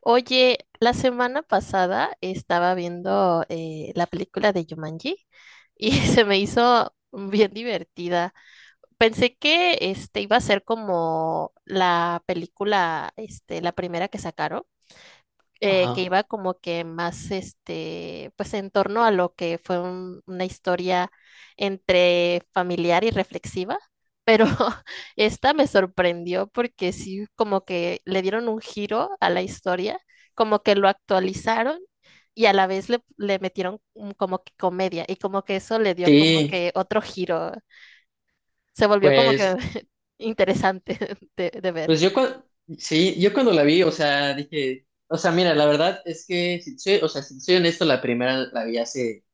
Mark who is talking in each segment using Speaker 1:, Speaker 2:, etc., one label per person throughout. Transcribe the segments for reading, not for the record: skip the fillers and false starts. Speaker 1: Oye, la semana pasada estaba viendo la película de Jumanji y se me hizo bien divertida. Pensé que este iba a ser como la película, este, la primera que sacaron que
Speaker 2: Ajá.
Speaker 1: iba como que más, este, pues en torno a lo que fue una historia entre familiar y reflexiva, pero esta me sorprendió porque sí, como que le dieron un giro a la historia, como que lo actualizaron y a la vez le metieron como que comedia y como que eso le dio como
Speaker 2: Sí,
Speaker 1: que otro giro, se volvió como que
Speaker 2: pues,
Speaker 1: interesante de ver.
Speaker 2: pues yo cuando, sí, yo cuando la vi, o sea, dije, o sea, mira, la verdad es que, si soy honesto, la primera la vi hace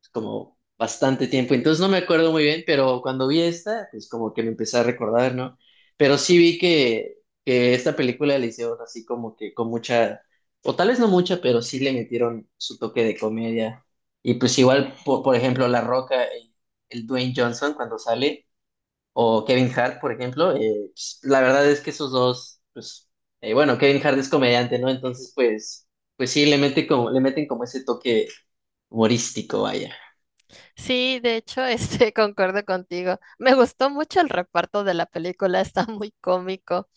Speaker 2: pues, como bastante tiempo, entonces no me acuerdo muy bien, pero cuando vi esta, pues como que me empecé a recordar, ¿no? Pero sí vi que esta película la hicieron así como que con mucha, o tal vez no mucha, pero sí le metieron su toque de comedia. Y pues igual, por ejemplo, La Roca, el Dwayne Johnson cuando sale, o Kevin Hart. Por ejemplo, pues, la verdad es que esos dos, pues, bueno, Kevin Hart es comediante, ¿no? Entonces, pues, pues sí, le mete como, le meten como ese toque humorístico, vaya.
Speaker 1: Sí, de hecho, este, concuerdo contigo. Me gustó mucho el reparto de la película, está muy cómico.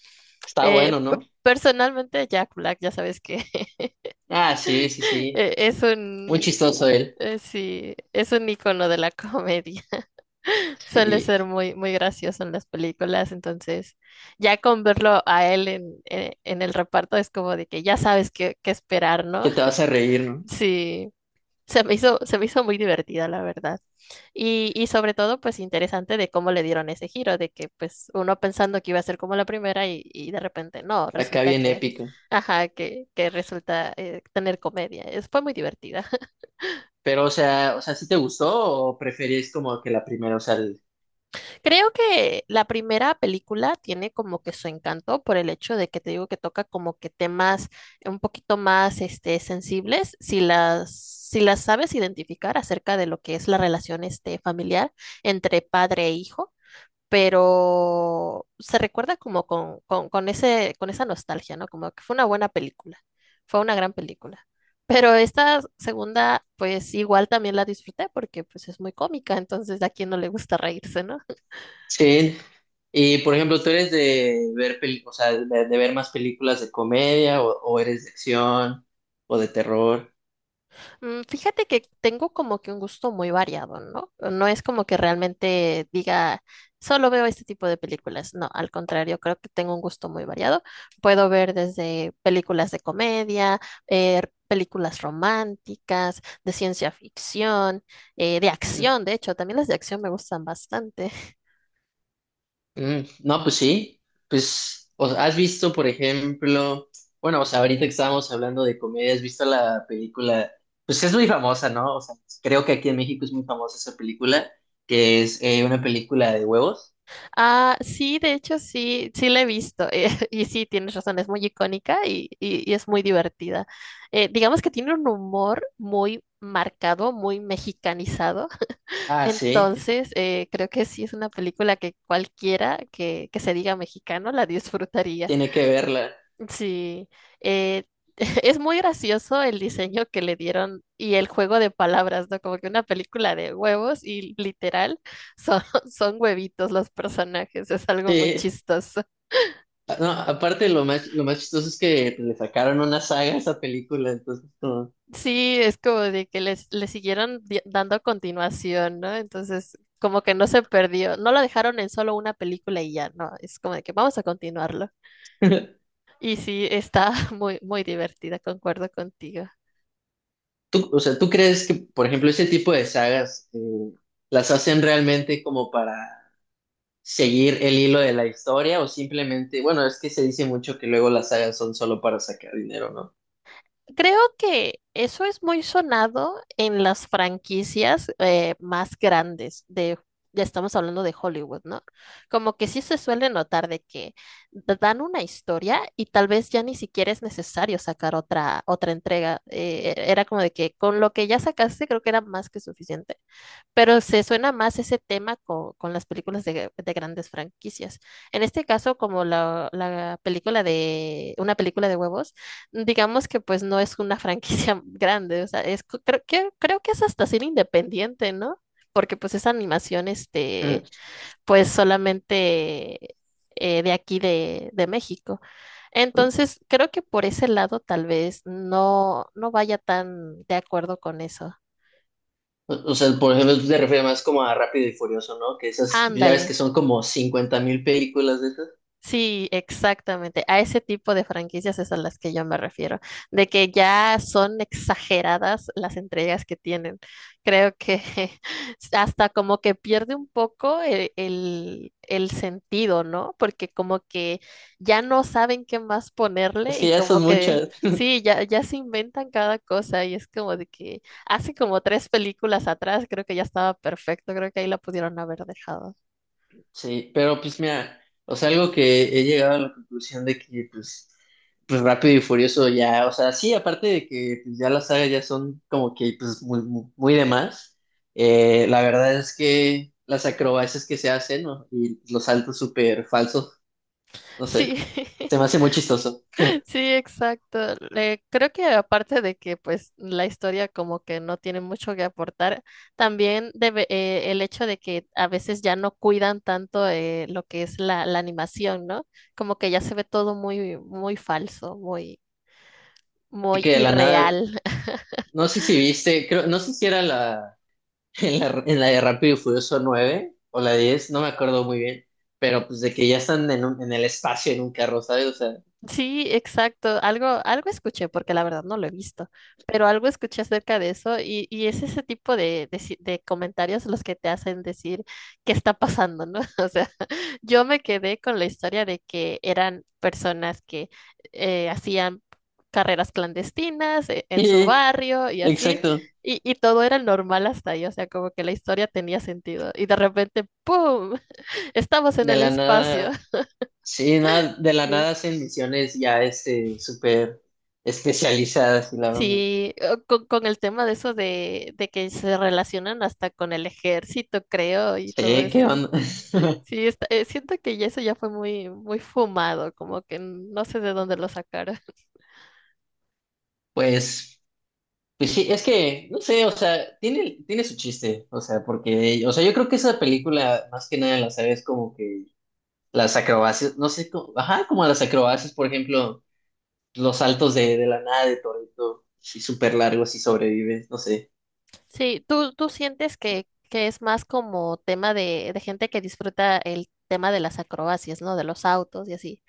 Speaker 2: Está bueno, ¿no?
Speaker 1: Personalmente, Jack Black, ya sabes que
Speaker 2: Ah, sí, sí, sí.
Speaker 1: es
Speaker 2: Muy
Speaker 1: un,
Speaker 2: chistoso él.
Speaker 1: sí, es un icono de la comedia. Suele ser
Speaker 2: Sí.
Speaker 1: muy, muy gracioso en las películas, entonces ya con verlo a él en el reparto es como de que ya sabes qué esperar, ¿no?
Speaker 2: Que te vas a reír, ¿no?
Speaker 1: Sí. Se me hizo muy divertida, la verdad. Y sobre todo, pues interesante de cómo le dieron ese giro, de que pues uno pensando que iba a ser como la primera y de repente no,
Speaker 2: Acá
Speaker 1: resulta
Speaker 2: bien
Speaker 1: que,
Speaker 2: épico.
Speaker 1: ajá, que resulta tener comedia. Fue muy divertida.
Speaker 2: Pero, o sea, ¿sí te gustó o preferís como que la primera, o sea, el...
Speaker 1: Creo que la primera película tiene como que su encanto por el hecho de que te digo que toca como que temas un poquito más este, sensibles, si las sabes identificar acerca de lo que es la relación este, familiar entre padre e hijo, pero se recuerda como con esa nostalgia, ¿no? Como que fue una buena película, fue una gran película. Pero esta segunda, pues igual también la disfruté porque pues es muy cómica, entonces a quien no le gusta reírse, ¿no?
Speaker 2: Sí. Y, por ejemplo, ¿tú eres de ver peli... o sea, de ver más películas de comedia o eres de acción o de terror?
Speaker 1: Fíjate que tengo como que un gusto muy variado, ¿no? No es como que realmente diga, solo veo este tipo de películas. No, al contrario, creo que tengo un gusto muy variado. Puedo ver desde películas de comedia, eh, películas románticas, de ciencia ficción, de
Speaker 2: Mm,
Speaker 1: acción, de hecho, también las de acción me gustan bastante.
Speaker 2: No, pues sí, pues o sea, has visto, por ejemplo, bueno, o sea, ahorita que estábamos hablando de comedia, has visto la película, pues es muy famosa, ¿no? O sea, creo que aquí en México es muy famosa esa película, que es una película de huevos.
Speaker 1: Ah, sí, de hecho sí, sí la he visto. Y sí, tienes razón, es muy icónica y es muy divertida. Digamos que tiene un humor muy marcado, muy mexicanizado.
Speaker 2: Ah, sí,
Speaker 1: Entonces, creo que sí es una película que cualquiera que se diga mexicano la disfrutaría.
Speaker 2: tiene que verla.
Speaker 1: Sí, eh, es muy gracioso el diseño que le dieron y el juego de palabras, ¿no? Como que una película de huevos y literal son, son huevitos los personajes, es algo muy
Speaker 2: Sí.
Speaker 1: chistoso.
Speaker 2: Ah, no, aparte lo más chistoso es que le sacaron una saga a esa película, entonces como...
Speaker 1: Sí, es como de que le siguieron dando continuación, ¿no? Entonces, como que no se perdió, no lo dejaron en solo una película y ya, no, es como de que vamos a continuarlo. Y sí, está muy, muy divertida, concuerdo contigo.
Speaker 2: Tú, o sea, ¿tú crees que, por ejemplo, ese tipo de sagas las hacen realmente como para seguir el hilo de la historia o simplemente, bueno, es que se dice mucho que luego las sagas son solo para sacar dinero, ¿no?
Speaker 1: Creo que eso es muy sonado en las franquicias más grandes ya estamos hablando de Hollywood, ¿no? Como que sí se suele notar de que te dan una historia y tal vez ya ni siquiera es necesario sacar otra entrega. Era como de que con lo que ya sacaste creo que era más que suficiente. Pero se suena más ese tema con, las películas de grandes franquicias. En este caso, como la película una película de huevos, digamos que pues no es una franquicia grande, o sea, es, creo que es hasta ser independiente, ¿no? Porque pues esa animación, este,
Speaker 2: Mm.
Speaker 1: pues solamente de aquí de México. Entonces, creo que por ese lado tal vez no, no vaya tan de acuerdo con eso.
Speaker 2: O sea, por ejemplo, tú te refieres más como a Rápido y Furioso, ¿no? Que esas, ya
Speaker 1: Ándale.
Speaker 2: ves que son como 50.000 películas de esas.
Speaker 1: Sí, exactamente. A ese tipo de franquicias es a las que yo me refiero, de que ya son exageradas las entregas que tienen. Creo que hasta como que pierde un poco el sentido, ¿no? Porque como que ya no saben qué más ponerle
Speaker 2: Es
Speaker 1: y
Speaker 2: que ya
Speaker 1: como
Speaker 2: son
Speaker 1: que
Speaker 2: muchas.
Speaker 1: sí, ya, ya se inventan cada cosa y es como de que hace como tres películas atrás creo que ya estaba perfecto, creo que ahí la pudieron haber dejado.
Speaker 2: Sí, pero pues mira, o sea, algo que he llegado a la conclusión de que pues, pues Rápido y Furioso ya, o sea, sí, aparte de que pues, ya las sagas ya son como que pues muy, muy, muy de más, la verdad es que las acrobacias que se hacen, ¿no? Y los saltos súper falsos, no sé,
Speaker 1: Sí.
Speaker 2: se me hace muy chistoso.
Speaker 1: Sí, exacto. Creo que aparte de que pues la historia como que no tiene mucho que aportar, también debe, el hecho de que a veces ya no cuidan tanto lo que es la animación, ¿no? Como que ya se ve todo muy, muy falso, muy,
Speaker 2: Así
Speaker 1: muy
Speaker 2: que de la nada,
Speaker 1: irreal.
Speaker 2: no sé si viste, creo, no sé si era la en la, en la de Rápido y Furioso 9 o la 10, no me acuerdo muy bien, pero pues de que ya están en, un... en el espacio en un carro, ¿sabes? O sea,
Speaker 1: Sí, exacto. Algo escuché, porque la verdad no lo he visto, pero algo escuché acerca de eso y es ese tipo de, si- de comentarios los que te hacen decir qué está pasando, ¿no? O sea, yo me quedé con la historia de que eran personas que hacían carreras clandestinas en su barrio y así,
Speaker 2: exacto,
Speaker 1: y todo era normal hasta ahí, o sea, como que la historia tenía sentido y de repente, ¡pum! Estamos en
Speaker 2: de
Speaker 1: el
Speaker 2: la
Speaker 1: espacio.
Speaker 2: nada, sí, nada, de la nada hacen misiones ya este, súper especializadas y la onda.
Speaker 1: Sí, o con el tema de eso de que se relacionan hasta con el ejército, creo, y todo
Speaker 2: Sí, ¿qué
Speaker 1: eso.
Speaker 2: onda?
Speaker 1: Sí, siento que ya eso ya fue muy, muy fumado, como que no sé de dónde lo sacaron.
Speaker 2: Pues, pues sí, es que, no sé, o sea, tiene su chiste, o sea, porque, o sea, yo creo que esa película, más que nada, la sabes como que las acrobacias, no sé, como, ajá, como las acrobacias, por ejemplo, los saltos de la nada de Toreto, sí, súper largos y sobrevives, no sé.
Speaker 1: Sí, ¿tú sientes que es más como tema de gente que disfruta el tema de las acrobacias, ¿no? De los autos y así.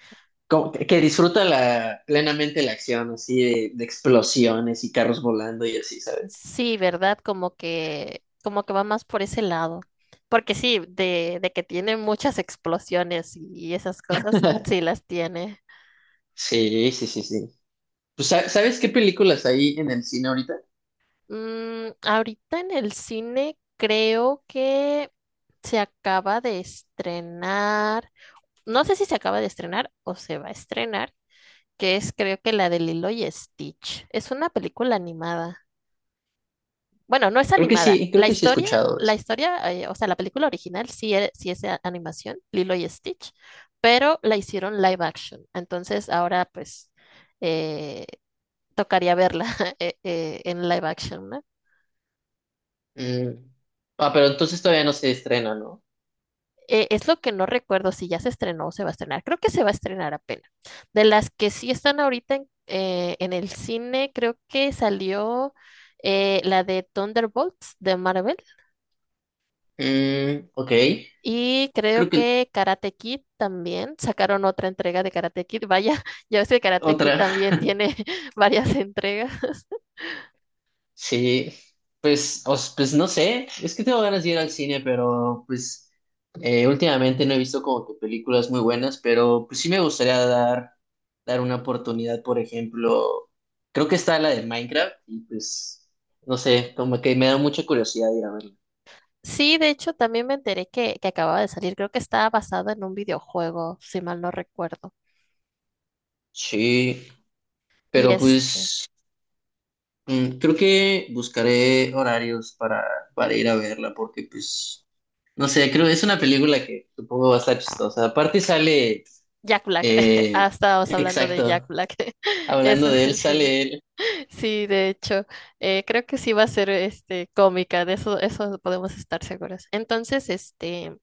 Speaker 2: Como que disfruta la, plenamente la acción, así de explosiones y carros volando y así, ¿sabes?
Speaker 1: Sí, ¿verdad? Como que va más por ese lado. Porque sí, de que tiene muchas explosiones y esas cosas, sí las tiene.
Speaker 2: Sí, sí, sí, sí. Pues, ¿sa... ¿sabes qué películas hay en el cine ahorita?
Speaker 1: Ahorita en el cine creo que se acaba de estrenar, no sé si se acaba de estrenar o se va a estrenar, que es creo que la de Lilo y Stitch. Es una película animada. Bueno, no es animada.
Speaker 2: Creo
Speaker 1: La
Speaker 2: que sí he
Speaker 1: historia,
Speaker 2: escuchado de
Speaker 1: la
Speaker 2: eso.
Speaker 1: historia, eh, o sea, la película original sí, sí es animación, Lilo y Stitch, pero la hicieron live action. Entonces ahora pues eh, tocaría verla en live action, ¿no?
Speaker 2: Mm. Ah, pero entonces todavía no se estrena, ¿no?
Speaker 1: Es lo que no recuerdo si ya se estrenó o se va a estrenar. Creo que se va a estrenar apenas. De las que sí están ahorita en el cine, creo que salió la de Thunderbolts de Marvel
Speaker 2: Mm, ok.
Speaker 1: y creo
Speaker 2: Creo que
Speaker 1: que Karate Kid también. Sacaron otra entrega de Karate Kid. Vaya, ya ves que Karate Kid
Speaker 2: otra.
Speaker 1: también tiene varias entregas.
Speaker 2: Sí, pues, os, pues no sé, es que tengo ganas de ir al cine, pero pues últimamente no he visto como que películas muy buenas, pero pues sí me gustaría dar, dar una oportunidad, por ejemplo, creo que está la de Minecraft y pues no sé, como que me da mucha curiosidad ir a verla.
Speaker 1: Sí, de hecho, también me enteré que acababa de salir. Creo que estaba basado en un videojuego, si mal no recuerdo.
Speaker 2: Sí,
Speaker 1: Y
Speaker 2: pero
Speaker 1: este.
Speaker 2: pues mm, creo que buscaré horarios para ir a verla, porque pues no sé, creo que es una película que supongo va a estar chistosa. Aparte sale...
Speaker 1: Jack Black. Ah,
Speaker 2: Eh,
Speaker 1: estábamos hablando de Jack
Speaker 2: exacto.
Speaker 1: Black.
Speaker 2: Hablando
Speaker 1: Eso,
Speaker 2: de él,
Speaker 1: sí.
Speaker 2: sale él.
Speaker 1: Sí, de hecho, creo que sí va a ser este cómica, de eso, eso podemos estar seguras. Entonces, este,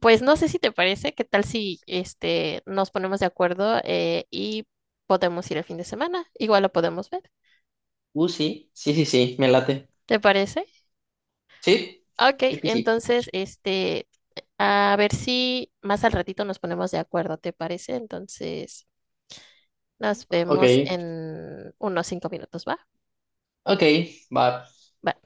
Speaker 1: pues no sé si te parece, qué tal si este nos ponemos de acuerdo y podemos ir el fin de semana. Igual lo podemos ver.
Speaker 2: Sí, sí, sí, sí, me late.
Speaker 1: ¿Te parece?
Speaker 2: Sí,
Speaker 1: Ok,
Speaker 2: sí, sí, sí.
Speaker 1: entonces, este, a ver si más al ratito nos ponemos de acuerdo, ¿te parece? Entonces, nos
Speaker 2: Ok,
Speaker 1: vemos en unos 5 minutos, ¿va?
Speaker 2: ok, va.
Speaker 1: Va.